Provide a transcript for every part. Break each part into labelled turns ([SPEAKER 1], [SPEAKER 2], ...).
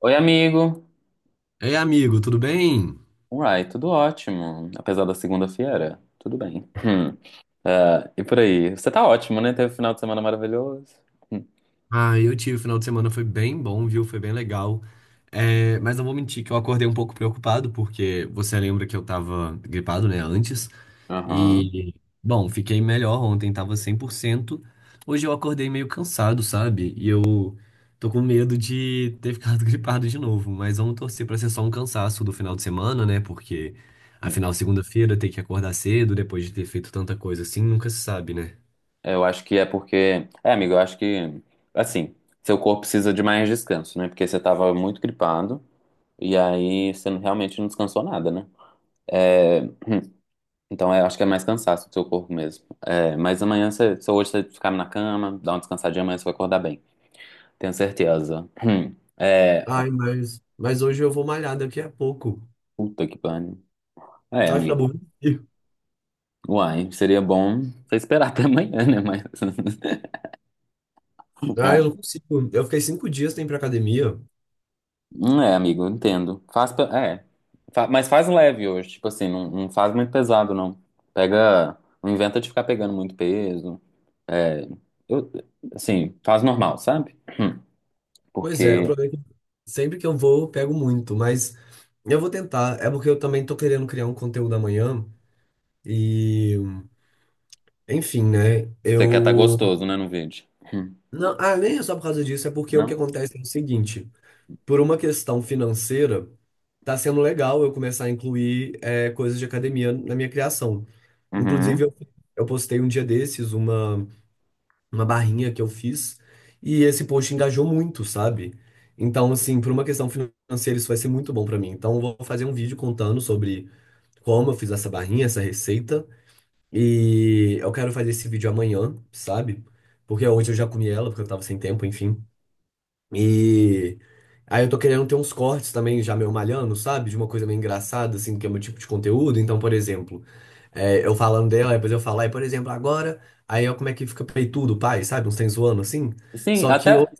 [SPEAKER 1] Oi, amigo.
[SPEAKER 2] Ei, amigo, tudo bem?
[SPEAKER 1] Uai, tudo ótimo. Apesar da segunda-feira, tudo bem. Hum. Ah, e por aí? Você tá ótimo, né? Teve um final de semana maravilhoso. Hum.
[SPEAKER 2] Ah, eu tive, o final de semana foi bem bom, viu? Foi bem legal. É, mas não vou mentir que eu acordei um pouco preocupado, porque você lembra que eu tava gripado, né, antes.
[SPEAKER 1] Aham.
[SPEAKER 2] E, bom, fiquei melhor ontem, tava 100%. Hoje eu acordei meio cansado, sabe? E eu tô com medo de ter ficado gripado de novo. Mas vamos torcer pra ser só um cansaço do final de semana, né? Porque,
[SPEAKER 1] Hum.
[SPEAKER 2] afinal, segunda-feira tem que acordar cedo, depois de ter feito tanta coisa assim, nunca se sabe, né?
[SPEAKER 1] É, Eu acho que é porque. É, amigo, eu acho que. Assim, seu corpo precisa de mais descanso, né? Porque você tava muito gripado e aí você realmente não descansou nada, né? É, Então, eu acho que é mais cansaço do seu corpo mesmo. Mas amanhã, se hoje você ficar na cama, dar uma descansadinha, amanhã você vai acordar bem. Tenho certeza. Hum. É,
[SPEAKER 2] Ai, mas hoje eu vou malhar daqui a pouco.
[SPEAKER 1] puta que pariu. É,
[SPEAKER 2] Tá, acho que tá
[SPEAKER 1] amigo.
[SPEAKER 2] bom.
[SPEAKER 1] Uai, seria bom você esperar até amanhã, né? Mas.
[SPEAKER 2] Ah,
[SPEAKER 1] Ah,
[SPEAKER 2] eu não consigo. Eu fiquei 5 dias sem ir pra academia.
[SPEAKER 1] amigo, entendo. Faz. Pe- É. Fa- Mas faz leve hoje. Tipo assim, não faz muito pesado, não. Pega. Não inventa de ficar pegando muito peso. É. Eu, assim, faz normal, sabe?
[SPEAKER 2] Pois é, o
[SPEAKER 1] Porque
[SPEAKER 2] problema é que sempre que eu vou, eu pego muito, mas eu vou tentar. É porque eu também tô querendo criar um conteúdo amanhã. E, enfim, né?
[SPEAKER 1] você quer estar
[SPEAKER 2] Eu.
[SPEAKER 1] gostoso, né, no vídeo. Hum,
[SPEAKER 2] Não, ah, nem é só por causa disso, é porque o que
[SPEAKER 1] Não?
[SPEAKER 2] acontece é o seguinte: por uma questão financeira, tá sendo legal eu começar a incluir coisas de academia na minha criação. Inclusive,
[SPEAKER 1] Uhum.
[SPEAKER 2] eu postei um dia desses uma barrinha que eu fiz e esse post engajou muito, sabe? Então, assim, por uma questão financeira, isso vai ser muito bom pra mim. Então, eu vou fazer um vídeo contando sobre como eu fiz essa barrinha, essa receita. E eu quero fazer esse vídeo amanhã, sabe? Porque hoje eu já comi ela, porque eu tava sem tempo, enfim. E aí eu tô querendo ter uns cortes também já meio malhando, sabe? De uma coisa meio engraçada, assim, que é o meu tipo de conteúdo. Então, por exemplo, é, eu falando dela, depois eu falar, e por exemplo, agora, aí eu como é que fica peitudo, pai, sabe? Uns tem zoando assim.
[SPEAKER 1] Sim,
[SPEAKER 2] Só que hoje,
[SPEAKER 1] até.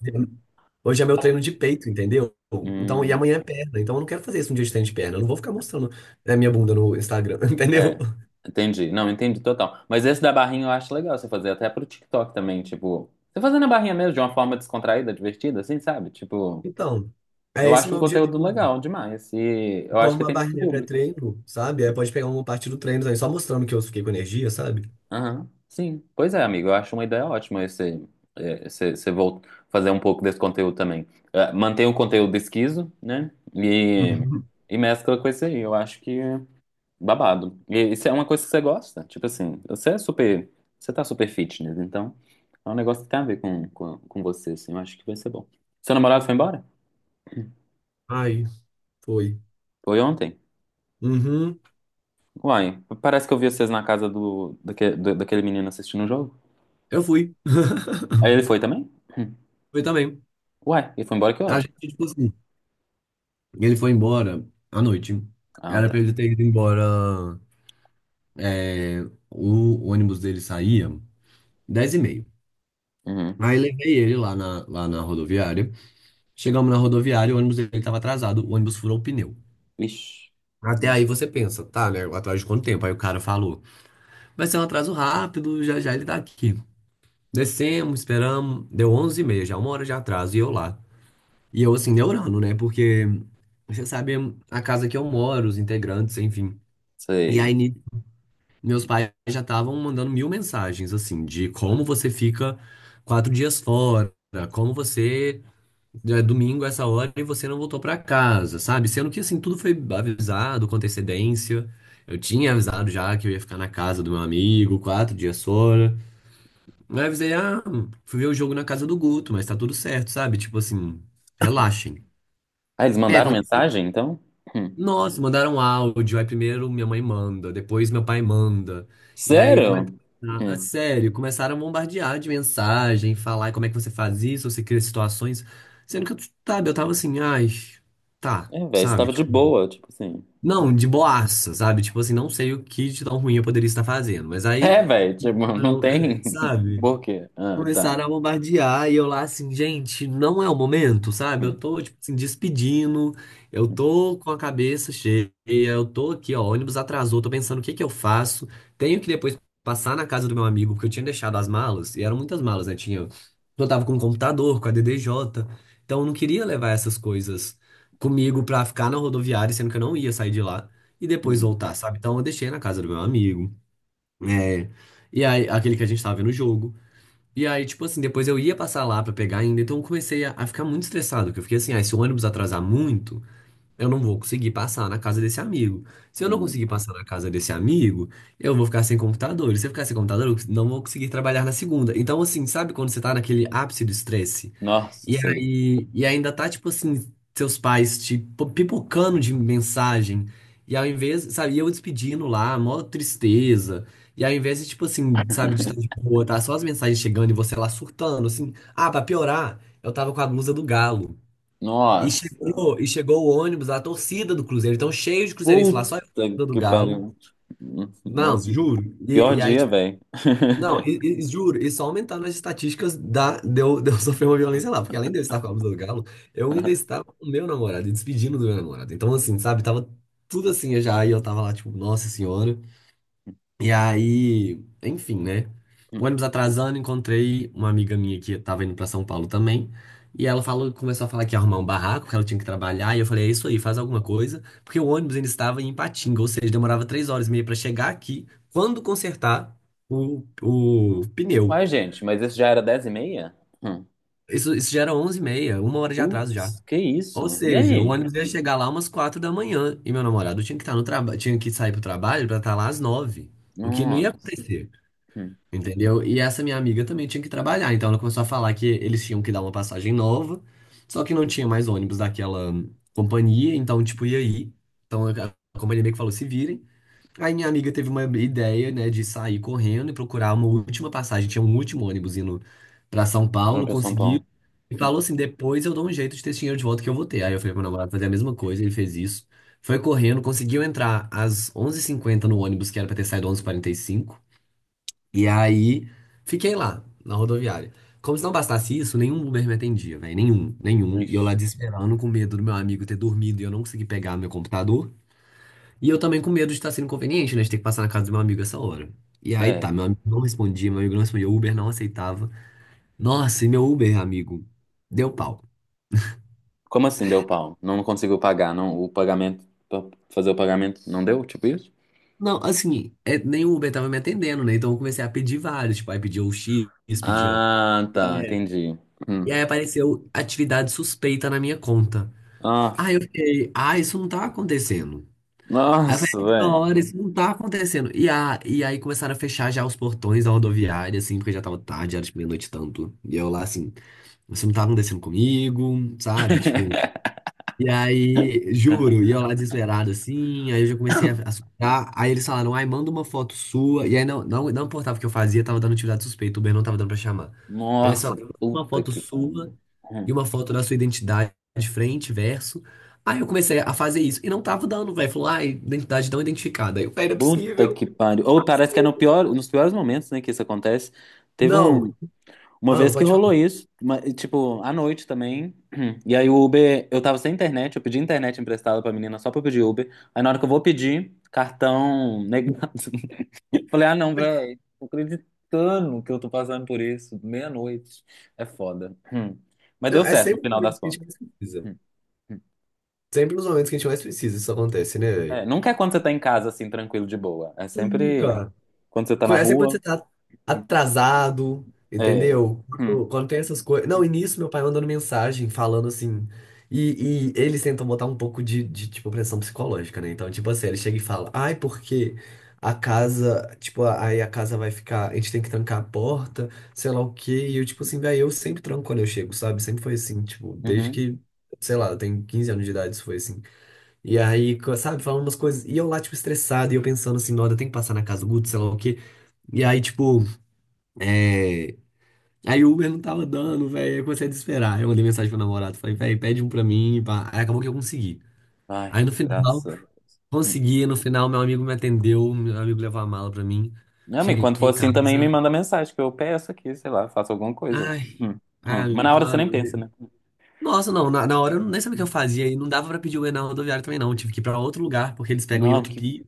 [SPEAKER 2] hoje é meu treino de peito, entendeu? Então, e
[SPEAKER 1] Hum.
[SPEAKER 2] amanhã é perna. Então eu não quero fazer isso um dia de treino de perna. Eu não vou ficar mostrando a minha bunda no Instagram, entendeu?
[SPEAKER 1] É, entendi. Não, entendi total. Mas esse da barrinha eu acho legal você fazer até pro TikTok também, tipo, você fazendo a barrinha mesmo de uma forma descontraída, divertida, assim, sabe? Tipo,
[SPEAKER 2] Então, é
[SPEAKER 1] eu
[SPEAKER 2] esse
[SPEAKER 1] acho um
[SPEAKER 2] meu
[SPEAKER 1] conteúdo
[SPEAKER 2] objetivo.
[SPEAKER 1] legal demais e eu acho
[SPEAKER 2] Como
[SPEAKER 1] que
[SPEAKER 2] uma
[SPEAKER 1] tem muito
[SPEAKER 2] barrinha
[SPEAKER 1] público.
[SPEAKER 2] pré-treino, sabe? Aí pode pegar uma parte do treino também, só mostrando que eu fiquei com energia, sabe?
[SPEAKER 1] Aham. Sim. Pois é, amigo, eu acho uma ideia ótima você volta fazer um pouco desse conteúdo também. Mantém o conteúdo esquiso, né? E mescla com esse aí. Eu acho que babado. E isso é uma coisa que você gosta. Tipo assim, você é super. Você tá super fitness, então é um negócio que tem a ver com você, assim. Eu acho que vai ser bom. Seu namorado foi embora?
[SPEAKER 2] Ai, foi.
[SPEAKER 1] Foi ontem?
[SPEAKER 2] Uhum,
[SPEAKER 1] Uai, parece que eu vi vocês na casa do daquele menino assistindo o jogo.
[SPEAKER 2] eu fui.
[SPEAKER 1] Aí ele foi também? Hum.
[SPEAKER 2] Foi também.
[SPEAKER 1] Uai, ele foi embora que
[SPEAKER 2] A
[SPEAKER 1] hora?
[SPEAKER 2] gente, tipo assim, ele foi embora à noite.
[SPEAKER 1] Ah,
[SPEAKER 2] Era pra
[SPEAKER 1] tá.
[SPEAKER 2] ele ter ido embora. é, O ônibus dele saía 10h30.
[SPEAKER 1] Uhum.
[SPEAKER 2] Aí levei ele lá na rodoviária. Chegamos na rodoviária, o ônibus dele estava atrasado, o ônibus furou o pneu.
[SPEAKER 1] Ixi.
[SPEAKER 2] Até
[SPEAKER 1] Hum,
[SPEAKER 2] aí você pensa, tá, né? Atrás de quanto tempo? Aí o cara falou, vai ser um atraso rápido, já já ele tá aqui. Descemos, esperamos, deu 11h30, já uma hora de atraso, e eu, assim, neurando, né? Porque você sabe a casa que eu moro, os integrantes, enfim. E aí,
[SPEAKER 1] Sei.
[SPEAKER 2] ni- Meus pais já estavam mandando mil mensagens, assim, de como você fica 4 dias fora, como você. É domingo essa hora e você não voltou pra casa, sabe? Sendo que, assim, tudo foi avisado com antecedência. Eu tinha avisado já que eu ia ficar na casa do meu amigo, 4 dias fora. Aí eu avisei, ah, fui ver o jogo na casa do Guto, mas tá tudo certo, sabe? Tipo assim, relaxem.
[SPEAKER 1] Ah, eles
[SPEAKER 2] É,
[SPEAKER 1] mandaram mensagem, então? Hum.
[SPEAKER 2] nossa, mandaram áudio. Aí primeiro minha mãe manda, depois meu pai manda. E aí começa.
[SPEAKER 1] Sério?
[SPEAKER 2] Ah,
[SPEAKER 1] Hum.
[SPEAKER 2] sério, começaram a bombardear de mensagem, falar como é que você faz isso, você cria situações. Sendo que eu, sabe, eu tava assim, ai, tá,
[SPEAKER 1] É, velho, você
[SPEAKER 2] sabe?
[SPEAKER 1] tava de
[SPEAKER 2] Tipo,
[SPEAKER 1] boa, tipo assim.
[SPEAKER 2] não, de boaça, sabe? Tipo assim, não sei o que de tão ruim eu poderia estar fazendo. Mas aí,
[SPEAKER 1] É, velho, tipo, não tem
[SPEAKER 2] sabe?
[SPEAKER 1] por quê? Ah, tá.
[SPEAKER 2] Começaram a bombardear e eu lá assim, gente, não é o momento, sabe? Eu
[SPEAKER 1] Hum,
[SPEAKER 2] tô, tipo assim, despedindo, eu tô com a cabeça cheia, eu tô aqui, ó, ônibus atrasou, tô pensando o que que eu faço. Tenho que depois passar na casa do meu amigo, porque eu tinha deixado as malas, e eram muitas malas, né? Tinha, eu tava com o computador, com a DDJ, então eu não queria levar essas coisas comigo pra ficar na rodoviária, sendo que eu não ia sair de lá e depois
[SPEAKER 1] hum,
[SPEAKER 2] voltar, sabe? Então eu deixei na casa do meu amigo, é, e aí, aquele que a gente tava vendo o jogo. E aí, tipo assim, depois eu ia passar lá pra pegar ainda, então eu comecei a ficar muito estressado, porque eu fiquei assim, ah, se o ônibus atrasar muito, eu não vou conseguir passar na casa desse amigo. Se eu não
[SPEAKER 1] hum.
[SPEAKER 2] conseguir passar na casa desse amigo, eu vou ficar sem computador. E se eu ficar sem computador, eu não vou conseguir trabalhar na segunda. Então, assim, sabe quando você tá naquele ápice do estresse?
[SPEAKER 1] Nossa,
[SPEAKER 2] E
[SPEAKER 1] sei.
[SPEAKER 2] aí, e ainda tá, tipo assim, seus pais te pipocando de mensagem. E ao invés, sabe, e eu despedindo lá, mó tristeza. E ao invés de, tipo assim, sabe, de estar de boa, tá só as mensagens chegando e você lá surtando, assim. Ah, pra piorar, eu tava com a blusa do Galo.
[SPEAKER 1] Nossa,
[SPEAKER 2] E chegou o ônibus, a torcida do Cruzeiro. Então, cheio de cruzeirense lá, só eu com a
[SPEAKER 1] puta
[SPEAKER 2] blusa do
[SPEAKER 1] que
[SPEAKER 2] Galo.
[SPEAKER 1] pariu. No
[SPEAKER 2] Não,
[SPEAKER 1] pi-
[SPEAKER 2] juro.
[SPEAKER 1] pior
[SPEAKER 2] E aí,
[SPEAKER 1] dia,
[SPEAKER 2] tipo,
[SPEAKER 1] velho.
[SPEAKER 2] não, e- Juro, e só aumentaram as estatísticas de eu sofrer uma violência lá, porque além de eu estar com a blusa do galo, eu ainda estava com o meu namorado e despedindo do meu namorado. Então, assim, sabe, tava tudo assim já, e eu tava lá, tipo, nossa senhora. E aí, enfim, né? O ônibus atrasando, encontrei uma amiga minha que tava indo pra São Paulo também. E ela falou, começou a falar que ia arrumar um barraco, que ela tinha que trabalhar. E eu falei, é isso aí, faz alguma coisa. Porque o ônibus ainda estava em Ipatinga, ou seja, demorava 3 horas e meia pra chegar aqui, quando consertar o pneu.
[SPEAKER 1] Uai, gente, mas isso já era dez e meia? Hum.
[SPEAKER 2] Isso já era 11h30, uma hora de atraso já.
[SPEAKER 1] Putz, que isso?
[SPEAKER 2] Ou
[SPEAKER 1] E
[SPEAKER 2] seja, o
[SPEAKER 1] aí?
[SPEAKER 2] ônibus ia chegar lá umas 4 da manhã. E meu namorado tinha que estar no trabalho, tinha que sair pro trabalho pra estar lá às nove. O que não ia
[SPEAKER 1] Nossa.
[SPEAKER 2] acontecer.
[SPEAKER 1] Hum.
[SPEAKER 2] Entendeu? E essa minha amiga também tinha que trabalhar, então ela começou a falar que eles tinham que dar uma passagem nova, só que não tinha mais ônibus daquela companhia, então, tipo, e aí? Então a companhia meio que falou: se virem. Aí minha amiga teve uma ideia, né, de sair correndo e procurar uma última passagem, tinha um último ônibus indo pra São Paulo,
[SPEAKER 1] Pronto, eu São
[SPEAKER 2] conseguiu.
[SPEAKER 1] Paulo.
[SPEAKER 2] E
[SPEAKER 1] Hum.
[SPEAKER 2] falou assim: depois eu dou um jeito de ter esse dinheiro de volta que eu vou ter. Aí eu falei pro meu namorado fazer a mesma coisa, ele fez isso. Foi correndo, conseguiu entrar às onze h 50 no ônibus, que era pra ter saído 11h45 e aí, fiquei lá, na rodoviária. Como se não bastasse isso, nenhum Uber me atendia, velho. Nenhum, nenhum. E eu lá
[SPEAKER 1] Ixi.
[SPEAKER 2] desesperando, com medo do meu amigo ter dormido e eu não conseguir pegar meu computador. E eu também com medo de estar sendo inconveniente, né? De ter que passar na casa do meu amigo essa hora. E aí tá,
[SPEAKER 1] É.
[SPEAKER 2] meu amigo não respondia, meu amigo não respondia, o Uber não aceitava. Nossa, e meu Uber, amigo, deu pau.
[SPEAKER 1] Como assim deu pau? Não conseguiu pagar, não? O pagamento, pra fazer o pagamento não deu? Tipo isso?
[SPEAKER 2] Não, assim, é, nem o Uber tava me atendendo, né? Então eu comecei a pedir vários. Tipo, aí pedia o X, pedia.
[SPEAKER 1] Ah, tá,
[SPEAKER 2] É.
[SPEAKER 1] entendi.
[SPEAKER 2] E
[SPEAKER 1] Hum.
[SPEAKER 2] aí apareceu atividade suspeita na minha conta.
[SPEAKER 1] Ah,
[SPEAKER 2] Aí eu fiquei, ah, isso não tá acontecendo. Aí eu
[SPEAKER 1] nossa,
[SPEAKER 2] falei,
[SPEAKER 1] velho.
[SPEAKER 2] hora, isso não tá acontecendo. E aí começaram a fechar já os portões da rodoviária, assim, porque já tava tarde, era tipo meia-noite e tanto. E eu lá, assim, isso não tá acontecendo comigo, sabe? Tipo, e aí, juro, e eu lá desesperado assim, aí eu já comecei a suspirar. Aí eles falaram, ai, manda uma foto sua. E aí não, não, não importava o que eu fazia, tava dando atividade suspeita, o Uber não tava dando pra chamar. E aí eles
[SPEAKER 1] Nossa,
[SPEAKER 2] falaram, manda uma
[SPEAKER 1] puta
[SPEAKER 2] foto
[SPEAKER 1] que pariu.
[SPEAKER 2] sua e
[SPEAKER 1] Hum.
[SPEAKER 2] uma foto da sua identidade, de frente, verso. Aí eu comecei a fazer isso e não tava dando, velho. Falou, ai, identidade não identificada. Aí eu, velho, não é
[SPEAKER 1] Puta que
[SPEAKER 2] possível.
[SPEAKER 1] pariu. Ou parece que é no pior, nos piores momentos, né, que isso acontece. Teve um,
[SPEAKER 2] Não,
[SPEAKER 1] uma
[SPEAKER 2] ah, não
[SPEAKER 1] vez que
[SPEAKER 2] pode
[SPEAKER 1] rolou
[SPEAKER 2] falar.
[SPEAKER 1] isso, e, tipo, à noite também. E aí o Uber, eu tava sem internet, eu pedi internet emprestada pra menina só pra eu pedir Uber. Aí na hora que eu vou pedir, cartão negado. Falei, ah, não, velho, tô acreditando que eu tô passando por isso, meia-noite. É foda. Hum. Mas
[SPEAKER 2] Não,
[SPEAKER 1] deu
[SPEAKER 2] é
[SPEAKER 1] certo no
[SPEAKER 2] sempre nos
[SPEAKER 1] final
[SPEAKER 2] momentos
[SPEAKER 1] das
[SPEAKER 2] que a gente
[SPEAKER 1] contas.
[SPEAKER 2] mais precisa.
[SPEAKER 1] Hum, hum.
[SPEAKER 2] Sempre nos momentos que a gente mais precisa, isso acontece, né,
[SPEAKER 1] É,
[SPEAKER 2] velho?
[SPEAKER 1] nunca é quando você tá em casa, assim, tranquilo, de boa. É sempre
[SPEAKER 2] Nunca.
[SPEAKER 1] quando você tá na
[SPEAKER 2] Conhece quando
[SPEAKER 1] rua.
[SPEAKER 2] você tá
[SPEAKER 1] Hum.
[SPEAKER 2] atrasado,
[SPEAKER 1] É.
[SPEAKER 2] entendeu?
[SPEAKER 1] Hum.
[SPEAKER 2] Quando tem essas coisas. Não, e nisso meu pai mandando mensagem falando assim. E eles tentam botar um pouco tipo, pressão psicológica, né? Então, tipo assim, ele chega e fala: Ai, porque a casa, tipo, aí a casa vai ficar. A gente tem que trancar a porta, sei lá o quê. E eu, tipo assim, velho, eu sempre tranco quando eu chego, sabe? Sempre foi assim, tipo, desde
[SPEAKER 1] Uhum.
[SPEAKER 2] que, sei lá, eu tenho 15 anos de idade, isso foi assim. E aí, sabe, falando umas coisas. E eu lá, tipo, estressado, e eu pensando assim, não, eu tenho que passar na casa do Guto, sei lá o quê. E aí, tipo, é... aí o Uber não tava dando, velho. Aí eu comecei a desesperar. Aí eu mandei mensagem pro namorado, falei, velho, pede um pra mim, pá. Aí acabou que eu consegui.
[SPEAKER 1] Ai,
[SPEAKER 2] Aí no final,
[SPEAKER 1] graça. Hum.
[SPEAKER 2] consegui. No final, meu amigo me atendeu, meu amigo levou a mala pra mim.
[SPEAKER 1] Não, mas
[SPEAKER 2] Cheguei
[SPEAKER 1] quando for
[SPEAKER 2] em
[SPEAKER 1] assim também me
[SPEAKER 2] casa.
[SPEAKER 1] manda mensagem, que eu peço aqui, sei lá, faço alguma coisa.
[SPEAKER 2] Ai,
[SPEAKER 1] Hum. Hum. Mas
[SPEAKER 2] ai,
[SPEAKER 1] na hora você nem
[SPEAKER 2] claro.
[SPEAKER 1] pensa, né?
[SPEAKER 2] Né. Nossa, não, na hora eu nem sabia o que eu fazia. E não dava pra pedir Uber na rodoviária também, não. Tive que ir pra outro lugar, porque eles pegam em
[SPEAKER 1] Não,
[SPEAKER 2] outro
[SPEAKER 1] que...
[SPEAKER 2] pi.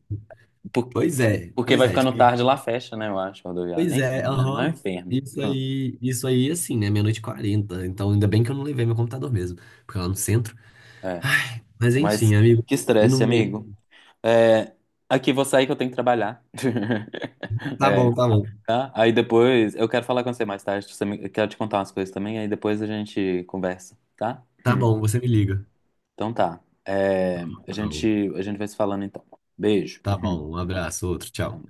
[SPEAKER 1] por-
[SPEAKER 2] Pois é,
[SPEAKER 1] porque
[SPEAKER 2] pois
[SPEAKER 1] vai
[SPEAKER 2] é.
[SPEAKER 1] ficando
[SPEAKER 2] Tipo,
[SPEAKER 1] tarde lá fecha, né? Eu acho, rodoviária.
[SPEAKER 2] pois é,
[SPEAKER 1] Enfim, é, lá é um
[SPEAKER 2] aham.
[SPEAKER 1] inferno. Hum.
[SPEAKER 2] Isso aí, assim, né? Meia-noite e 40. Então, ainda bem que eu não levei meu computador mesmo, porque lá no centro.
[SPEAKER 1] É.
[SPEAKER 2] Ai, mas enfim,
[SPEAKER 1] Mas
[SPEAKER 2] amigo.
[SPEAKER 1] que
[SPEAKER 2] E
[SPEAKER 1] estresse,
[SPEAKER 2] no meio.
[SPEAKER 1] amigo. É, aqui vou sair que eu tenho que trabalhar.
[SPEAKER 2] Tá
[SPEAKER 1] É,
[SPEAKER 2] bom, tá bom.
[SPEAKER 1] tá? Aí depois eu quero falar com você mais tarde. Eu quero te contar umas coisas também. Aí depois a gente conversa, tá?
[SPEAKER 2] Tá
[SPEAKER 1] Hum.
[SPEAKER 2] bom, você me liga.
[SPEAKER 1] Então tá.
[SPEAKER 2] Então,
[SPEAKER 1] A gente vai se falando então. Beijo.
[SPEAKER 2] tá
[SPEAKER 1] Hum.
[SPEAKER 2] bom, um abraço, outro,
[SPEAKER 1] Tchau.
[SPEAKER 2] tchau.